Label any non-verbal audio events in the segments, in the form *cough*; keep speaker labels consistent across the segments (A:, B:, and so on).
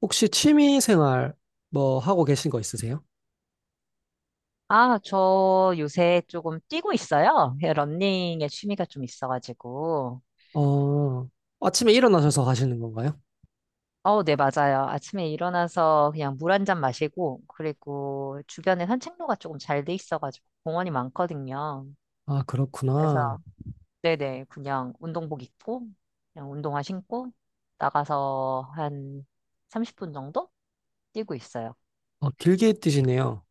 A: 혹시 취미 생활 뭐 하고 계신 거 있으세요?
B: 아, 저 요새 조금 뛰고 있어요. 예, 러닝에 취미가 좀 있어가지고.
A: 어, 아침에 일어나셔서 하시는 건가요?
B: 어, 네, 맞아요. 아침에 일어나서 그냥 물 한 잔 마시고, 그리고 주변에 산책로가 조금 잘 돼 있어가지고 공원이 많거든요.
A: 아,
B: 그래서,
A: 그렇구나.
B: 네네, 그냥 운동복 입고, 그냥 운동화 신고, 나가서 한 30분 정도 뛰고 있어요.
A: 어, 길게 뛰시네요.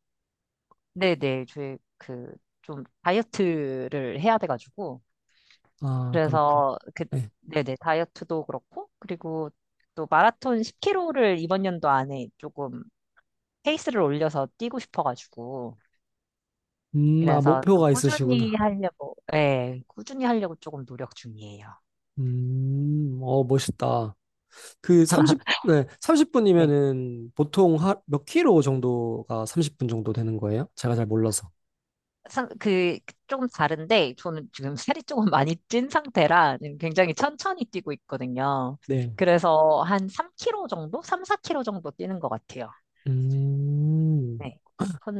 B: 네네, 저희 그 좀 다이어트를 해야 돼가지고,
A: 아, 그렇구나.
B: 그래서 그
A: 네.
B: 네네 다이어트도 그렇고 그리고 또 마라톤 10km를 이번 연도 안에 조금 페이스를 올려서 뛰고 싶어가지고
A: 아,
B: 그래서 좀
A: 목표가
B: 꾸준히
A: 있으시구나.
B: 하려고, 예, 꾸준히 하려고 조금 노력 중이에요.
A: 어, 멋있다.
B: *laughs*
A: 네,
B: 네.
A: 30분이면은 보통 몇 킬로 정도가 30분 정도 되는 거예요? 제가 잘 몰라서.
B: 그 조금 다른데 저는 지금 살이 조금 많이 찐 상태라 굉장히 천천히 뛰고 있거든요.
A: 네.
B: 그래서 한 3km 정도, 3, 4km 정도 뛰는 것 같아요.
A: 음,
B: 네.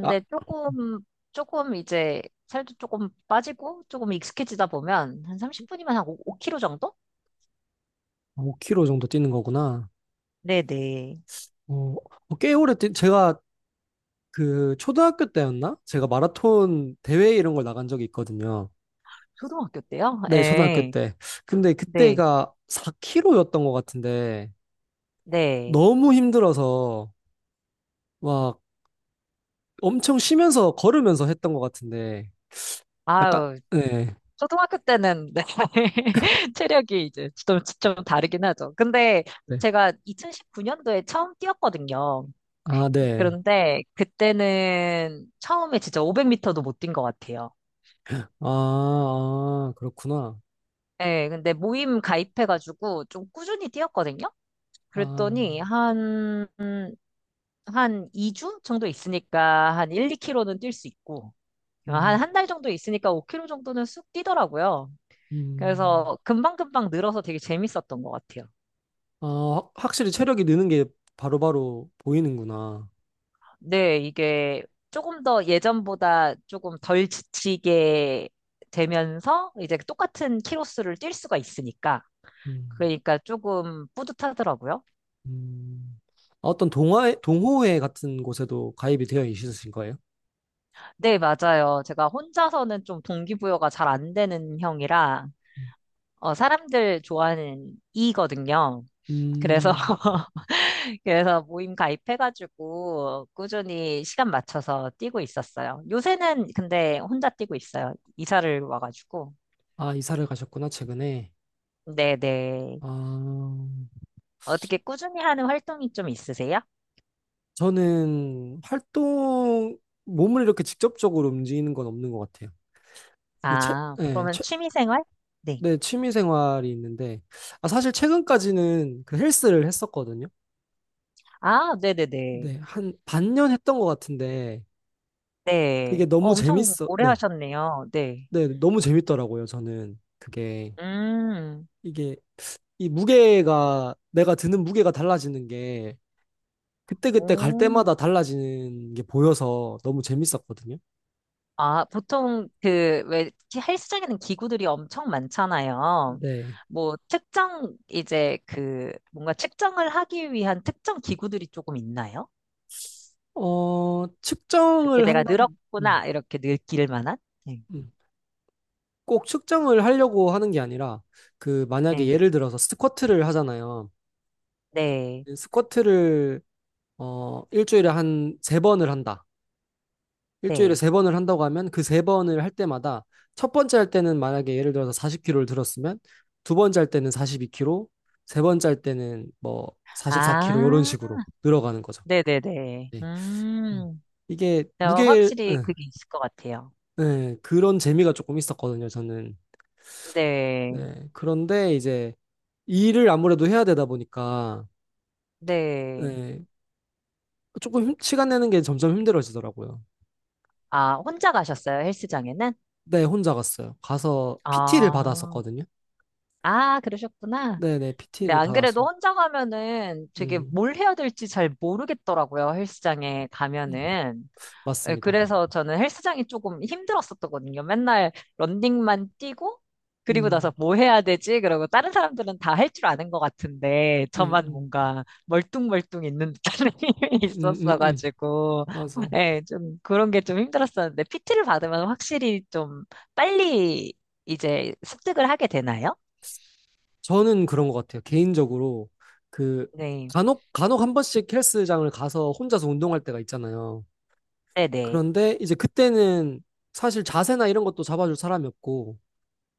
A: 아,
B: 조금 이제 살도 조금 빠지고 조금 익숙해지다 보면 한 30분이면 한 5kg 정도?
A: 5킬로 정도 뛰는 거구나.
B: 네네.
A: 어, 어, 제가 그 초등학교 때였나? 제가 마라톤 대회 이런 걸 나간 적이 있거든요.
B: 초등학교 때요?
A: 네, 초등학교
B: 예.
A: 때. 근데
B: 네.
A: 그때가 4km였던 것 같은데
B: 네.
A: 너무 힘들어서 막 엄청 쉬면서 걸으면서 했던 것 같은데 약간
B: 아유,
A: 네.
B: 초등학교 때는 네. *laughs* 체력이 이제 좀 다르긴 하죠. 근데
A: 네.
B: 제가 2019년도에 처음 뛰었거든요.
A: 아, 네.
B: 그런데 그때는 처음에 진짜 500m도 못 뛴 것 같아요.
A: 아, 아, 그렇구나.
B: 예, 근데 모임 가입해가지고 좀 꾸준히 뛰었거든요.
A: 아,
B: 그랬더니 한 2주 정도 있으니까 한 1, 2 k 로는뛸 수 있고 한
A: 음,
B: 한 달 정도 있으니까 5 k 로 정도는 쑥 뛰더라고요.
A: 음.
B: 그래서 금방금방 늘어서 되게 재밌었던 것 같아요.
A: 아, 확실히 체력이 느는 게 바로바로 보이는구나.
B: 네, 이게 조금 더 예전보다 조금 덜 지치게 되면서 이제 똑같은 키로수를 뛸 수가 있으니까
A: 음.
B: 그러니까 조금 뿌듯하더라고요.
A: 음. 아, 어떤 동호회 같은 곳에도 가입이 되어 있으신 거예요?
B: 네, 맞아요. 제가 혼자서는 좀 동기부여가 잘 안 되는 형이라, 어, 사람들 좋아하는 이거든요. 그래서
A: 음.
B: *laughs* 그래서 모임 가입해가지고 꾸준히 시간 맞춰서 뛰고 있었어요. 요새는 근데 혼자 뛰고 있어요. 이사를 와가지고.
A: 아, 이사를 가셨구나, 최근에.
B: 네네.
A: 아,
B: 어떻게 꾸준히 하는 활동이 좀 있으세요?
A: 저는 몸을 이렇게 직접적으로 움직이는 건 없는 것 같아요. 그, 채,
B: 아,
A: 네,
B: 그러면
A: 채,
B: 취미생활? 네.
A: 네, 취미 생활이 있는데, 아, 사실 최근까지는 그 헬스를 했었거든요.
B: 아, 네네네. 네.
A: 네, 한 반년 했던 것 같은데,
B: 네. 네.
A: 그게
B: 어, 엄청 오래
A: 네,
B: 하셨네요. 네.
A: 네, 너무 재밌더라고요, 저는. 그게,
B: 음,
A: 이게 이 무게가 내가 드는 무게가 달라지는 게 그때그때 갈
B: 오.
A: 때마다 달라지는 게 보여서 너무 재밌었거든요.
B: 아, 보통 그, 왜, 헬스장에는 기구들이 엄청 많잖아요.
A: 네.
B: 뭐, 특정, 이제 그, 뭔가 측정을 하기 위한 특정 기구들이 조금 있나요?
A: 어,
B: 그게 내가
A: 음,
B: 늘었구나, 이렇게 느낄 만한? 네,
A: 음. 꼭 측정을 하려고 하는 게 아니라 그 만약에
B: 네,
A: 예를 들어서 스쿼트를 하잖아요.
B: 네.
A: 스쿼트를 일주일에 한 세 번을 한다. 일주일에
B: 네.
A: 세 번을 한다고 하면 그 세 번을 할 때마다 첫 번째 할 때는 만약에 예를 들어서 40kg를 들었으면 두 번째 할 때는 42kg, 세 번째 할 때는 뭐 44kg 이런
B: 아,
A: 식으로 늘어가는 거죠.
B: 네네네.
A: 네. 음. 이게
B: 네,
A: 무게
B: 확실히
A: 응,
B: 그게 있을 것 같아요.
A: 네, 그런 재미가 조금 있었거든요. 저는
B: 네,
A: 네. 그런데 이제 일을 아무래도 해야 되다 보니까
B: 네.
A: 네, 조금 시간 내는 게 점점 힘들어지더라고요.
B: 아, 혼자 가셨어요, 헬스장에는?
A: 네, 혼자 갔어요. 가서 PT를
B: 아,
A: 받았었거든요.
B: 아, 그러셨구나.
A: 네네,
B: 근데
A: PT를
B: 안
A: 받아서.
B: 그래도 혼자 가면은 되게
A: 음.
B: 뭘 해야 될지 잘 모르겠더라고요, 헬스장에
A: 음.
B: 가면은. 예,
A: 맞습니다.
B: 그래서 저는 헬스장이 조금 힘들었었거든요. 맨날 런닝만 뛰고, 그리고 나서
A: 음,
B: 뭐 해야 되지? 그러고 다른 사람들은 다 할 줄 아는 것 같은데,
A: 음,
B: 저만
A: 음,
B: 뭔가 멀뚱멀뚱 있는 듯한 *laughs* 힘이
A: 음, 음, 음.
B: 있었어가지고,
A: 맞아요.
B: 예, 좀 그런 게 좀 힘들었었는데, PT를 받으면 확실히 좀 빨리 이제 습득을 하게 되나요?
A: 저는 그런 것 같아요. 개인적으로 그
B: 네,
A: 간혹 간혹 한 번씩 헬스장을 가서 혼자서 운동할 때가 있잖아요.
B: 네네.
A: 그런데 이제 그때는 사실 자세나 이런 것도 잡아줄 사람이 없고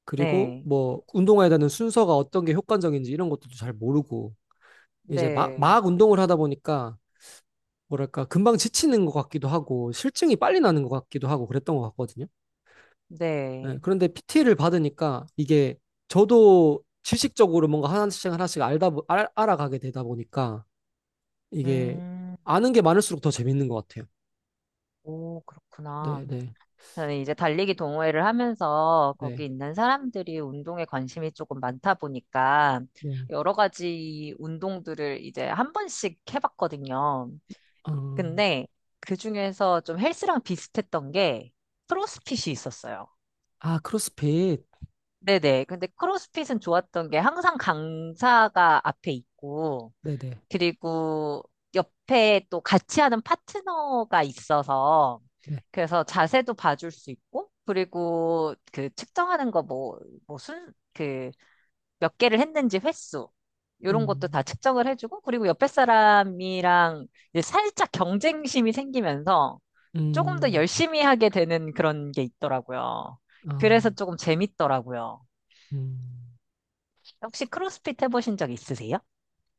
A: 그리고
B: 네.
A: 뭐 운동해야 되는 순서가 어떤 게 효과적인지 이런 것도 잘 모르고 이제 막,
B: 네,
A: 막 운동을 하다 보니까 뭐랄까 금방 지치는 것 같기도 하고 실증이 빨리 나는 것 같기도 하고 그랬던 것 같거든요. 네,
B: 네.
A: 그런데 PT를 받으니까 이게 저도 지식적으로 뭔가 하나씩 하나씩 알아가게 되다 보니까 이게
B: 음,
A: 아는 게 많을수록 더 재밌는 것 같아요.
B: 오,
A: 네,
B: 그렇구나.
A: 네,
B: 저는 이제 달리기 동호회를 하면서
A: 네,
B: 거기 있는 사람들이 운동에 관심이 조금 많다 보니까
A: 네.
B: 여러 가지 운동들을 이제 한 번씩 해봤거든요.
A: 어,
B: 근데 그 중에서 좀 헬스랑 비슷했던 게 크로스핏이 있었어요.
A: 아, 크로스핏.
B: 네네. 근데 크로스핏은 좋았던 게 항상 강사가 앞에 있고
A: 네, 네,
B: 그리고 옆에 또 같이 하는 파트너가 있어서
A: 네.
B: 그래서 자세도 봐줄 수 있고 그리고 그 측정하는 거, 뭐, 그 몇 개를 했는지 횟수 이런 것도 다
A: 음,
B: 측정을 해주고, 그리고 옆에 사람이랑 이제 살짝 경쟁심이 생기면서 조금 더
A: 음,
B: 열심히 하게 되는 그런 게 있더라고요. 그래서
A: 아,
B: 조금 재밌더라고요.
A: 음.
B: 혹시 크로스핏 해보신 적 있으세요?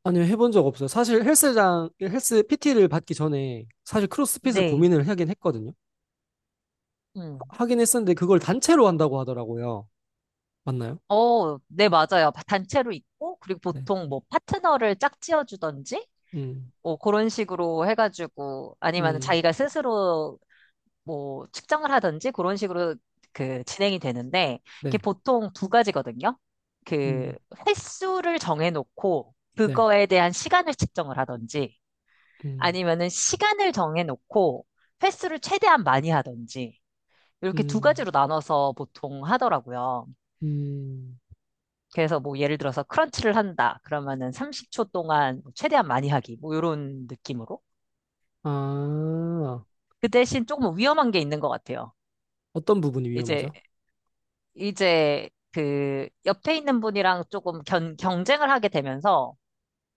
A: 아니요, 해본 적 없어요. 사실 헬스 PT를 받기 전에 사실 크로스핏을
B: 네.
A: 고민을 하긴 했거든요. 하긴 했었는데 그걸 단체로 한다고 하더라고요. 맞나요?
B: 어, 네, 맞아요. 단체로 있고, 그리고
A: 네.
B: 보통 뭐 파트너를 짝지어주던지,
A: 음,
B: 뭐 그런 식으로 해가지고, 아니면
A: 음.
B: 자기가 스스로 뭐 측정을 하던지, 그런 식으로 그 진행이 되는데, 이게
A: 네.
B: 보통 두 가지거든요. 그
A: 음,
B: 횟수를 정해놓고,
A: 네.
B: 그거에 대한 시간을 측정을 하던지,
A: 음,
B: 아니면은 시간을 정해놓고, 횟수를 최대한 많이 하던지, 이렇게 두
A: 음,
B: 가지로 나눠서 보통 하더라고요.
A: 음.
B: 그래서 뭐 예를 들어서 크런치를 한다. 그러면은 30초 동안 뭐 최대한 많이 하기. 뭐 이런 느낌으로.
A: 아,
B: 그 대신 조금 위험한 게 있는 것 같아요.
A: 어떤 부분이
B: 이제,
A: 위험하죠?
B: 이제 그 옆에 있는 분이랑 조금 경쟁을 하게 되면서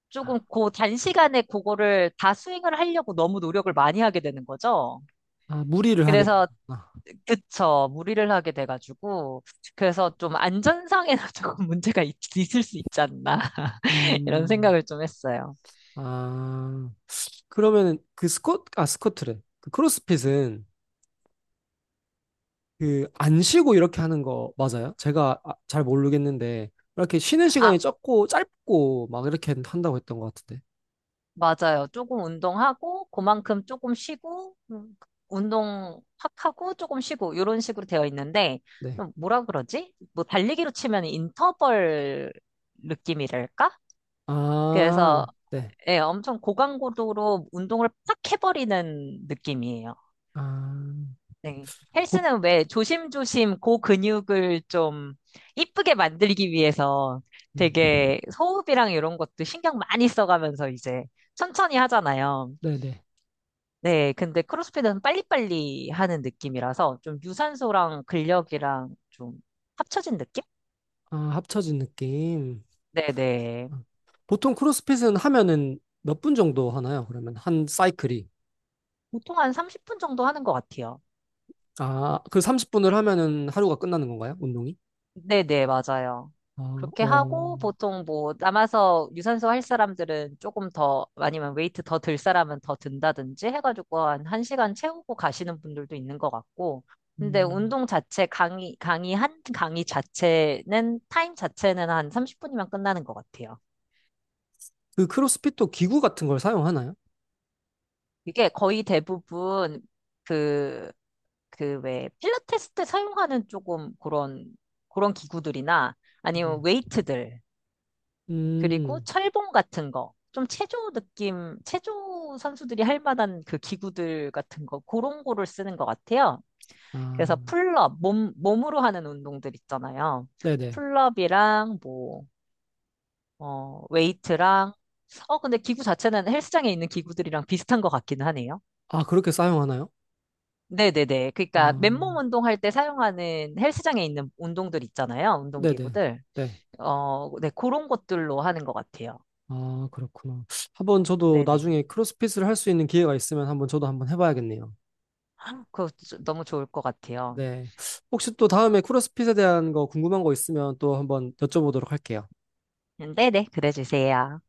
B: 조금
A: 아,
B: 그 단시간에 그거를 다 스윙을 하려고 너무 노력을 많이 하게 되는 거죠.
A: 아, 무리를 하게
B: 그래서,
A: 되는구나.
B: 그쵸. 무리를 하게 돼가지고. 그래서 좀 안전상에는 *laughs* 조금 문제가 있을 수 있지 않나. *laughs* 이런
A: 음,
B: 생각을 좀 했어요.
A: 아, 그러면은 그 스쿼트, 아, 스쿼트래. 그 크로스핏은 그 안 쉬고 이렇게 하는 거 맞아요? 제가 잘 모르겠는데, 이렇게 쉬는 시간이
B: 아,
A: 적고 짧고 막 이렇게 한다고 했던 것 같은데.
B: 맞아요. 조금 운동하고, 그만큼 조금 쉬고, 운동 확 하고, 조금 쉬고, 이런 식으로 되어 있는데,
A: 네.
B: 좀 뭐라 그러지? 뭐, 달리기로 치면 인터벌 느낌이랄까? 그래서,
A: 아, 네.
B: 예, 엄청 고강고도로 운동을 팍 해버리는 느낌이에요.
A: 아,
B: 네.
A: 보,
B: 헬스는 왜 조심조심 고근육을 좀 이쁘게 만들기 위해서
A: 음,
B: 되게 호흡이랑 이런 것도 신경 많이 써가면서 이제 천천히 하잖아요.
A: 네네.
B: 네, 근데 크로스핏은 빨리빨리 하는 느낌이라서 좀 유산소랑 근력이랑 좀 합쳐진 느낌?
A: 아, 합쳐진 느낌.
B: 네네.
A: 보통 크로스핏은 하면은 몇 분 정도 하나요? 그러면 한 사이클이.
B: 보통 한 30분 정도 하는 것 같아요.
A: 아, 그 30분을 하면은 하루가 끝나는 건가요? 운동이?
B: 네네, 맞아요.
A: 아,
B: 그렇게
A: 와.
B: 하고 보통 뭐 남아서 유산소 할 사람들은 조금 더 아니면 웨이트 더 들 사람은 더 든다든지 해가지고 한 1시간 채우고 가시는 분들도 있는 것 같고 근데
A: 음.
B: 운동 자체 강의 자체는 타임 자체는 한 30분이면 끝나는 것 같아요.
A: 그 크로스핏도 기구 같은 걸 사용하나요?
B: 이게 거의 대부분 그, 그 왜 필라테스 때 사용하는 조금 그런, 그런 기구들이나
A: 네.
B: 아니면 웨이트들, 그리고
A: 음.
B: 철봉 같은 거, 좀 체조 느낌, 체조 선수들이 할 만한 그 기구들 같은 거, 그런 거를 쓰는 것 같아요.
A: 아,
B: 그래서 풀업, 몸으로 하는 운동들 있잖아요.
A: 네네.
B: 풀업이랑 뭐, 어, 웨이트랑, 어, 근데 기구 자체는 헬스장에 있는 기구들이랑 비슷한 것 같기는 하네요.
A: 아, 그렇게 사용하나요?
B: 네네네. 그러니까 맨몸
A: 아,
B: 운동할 때 사용하는 헬스장에 있는 운동들 있잖아요.
A: 네네.
B: 운동기구들.
A: 네.
B: 어, 네, 그런 것들로 하는 것 같아요.
A: 아, 그렇구나. 한번 저도
B: 네네.
A: 나중에 크로스핏을 할 수 있는 기회가 있으면 한번 저도 한번 해봐야겠네요.
B: 너무 좋을 것 같아요.
A: 네. 혹시 또 다음에 크로스핏에 대한 거 궁금한 거 있으면 또 한번 여쭤보도록 할게요.
B: 네네. 그래 주세요.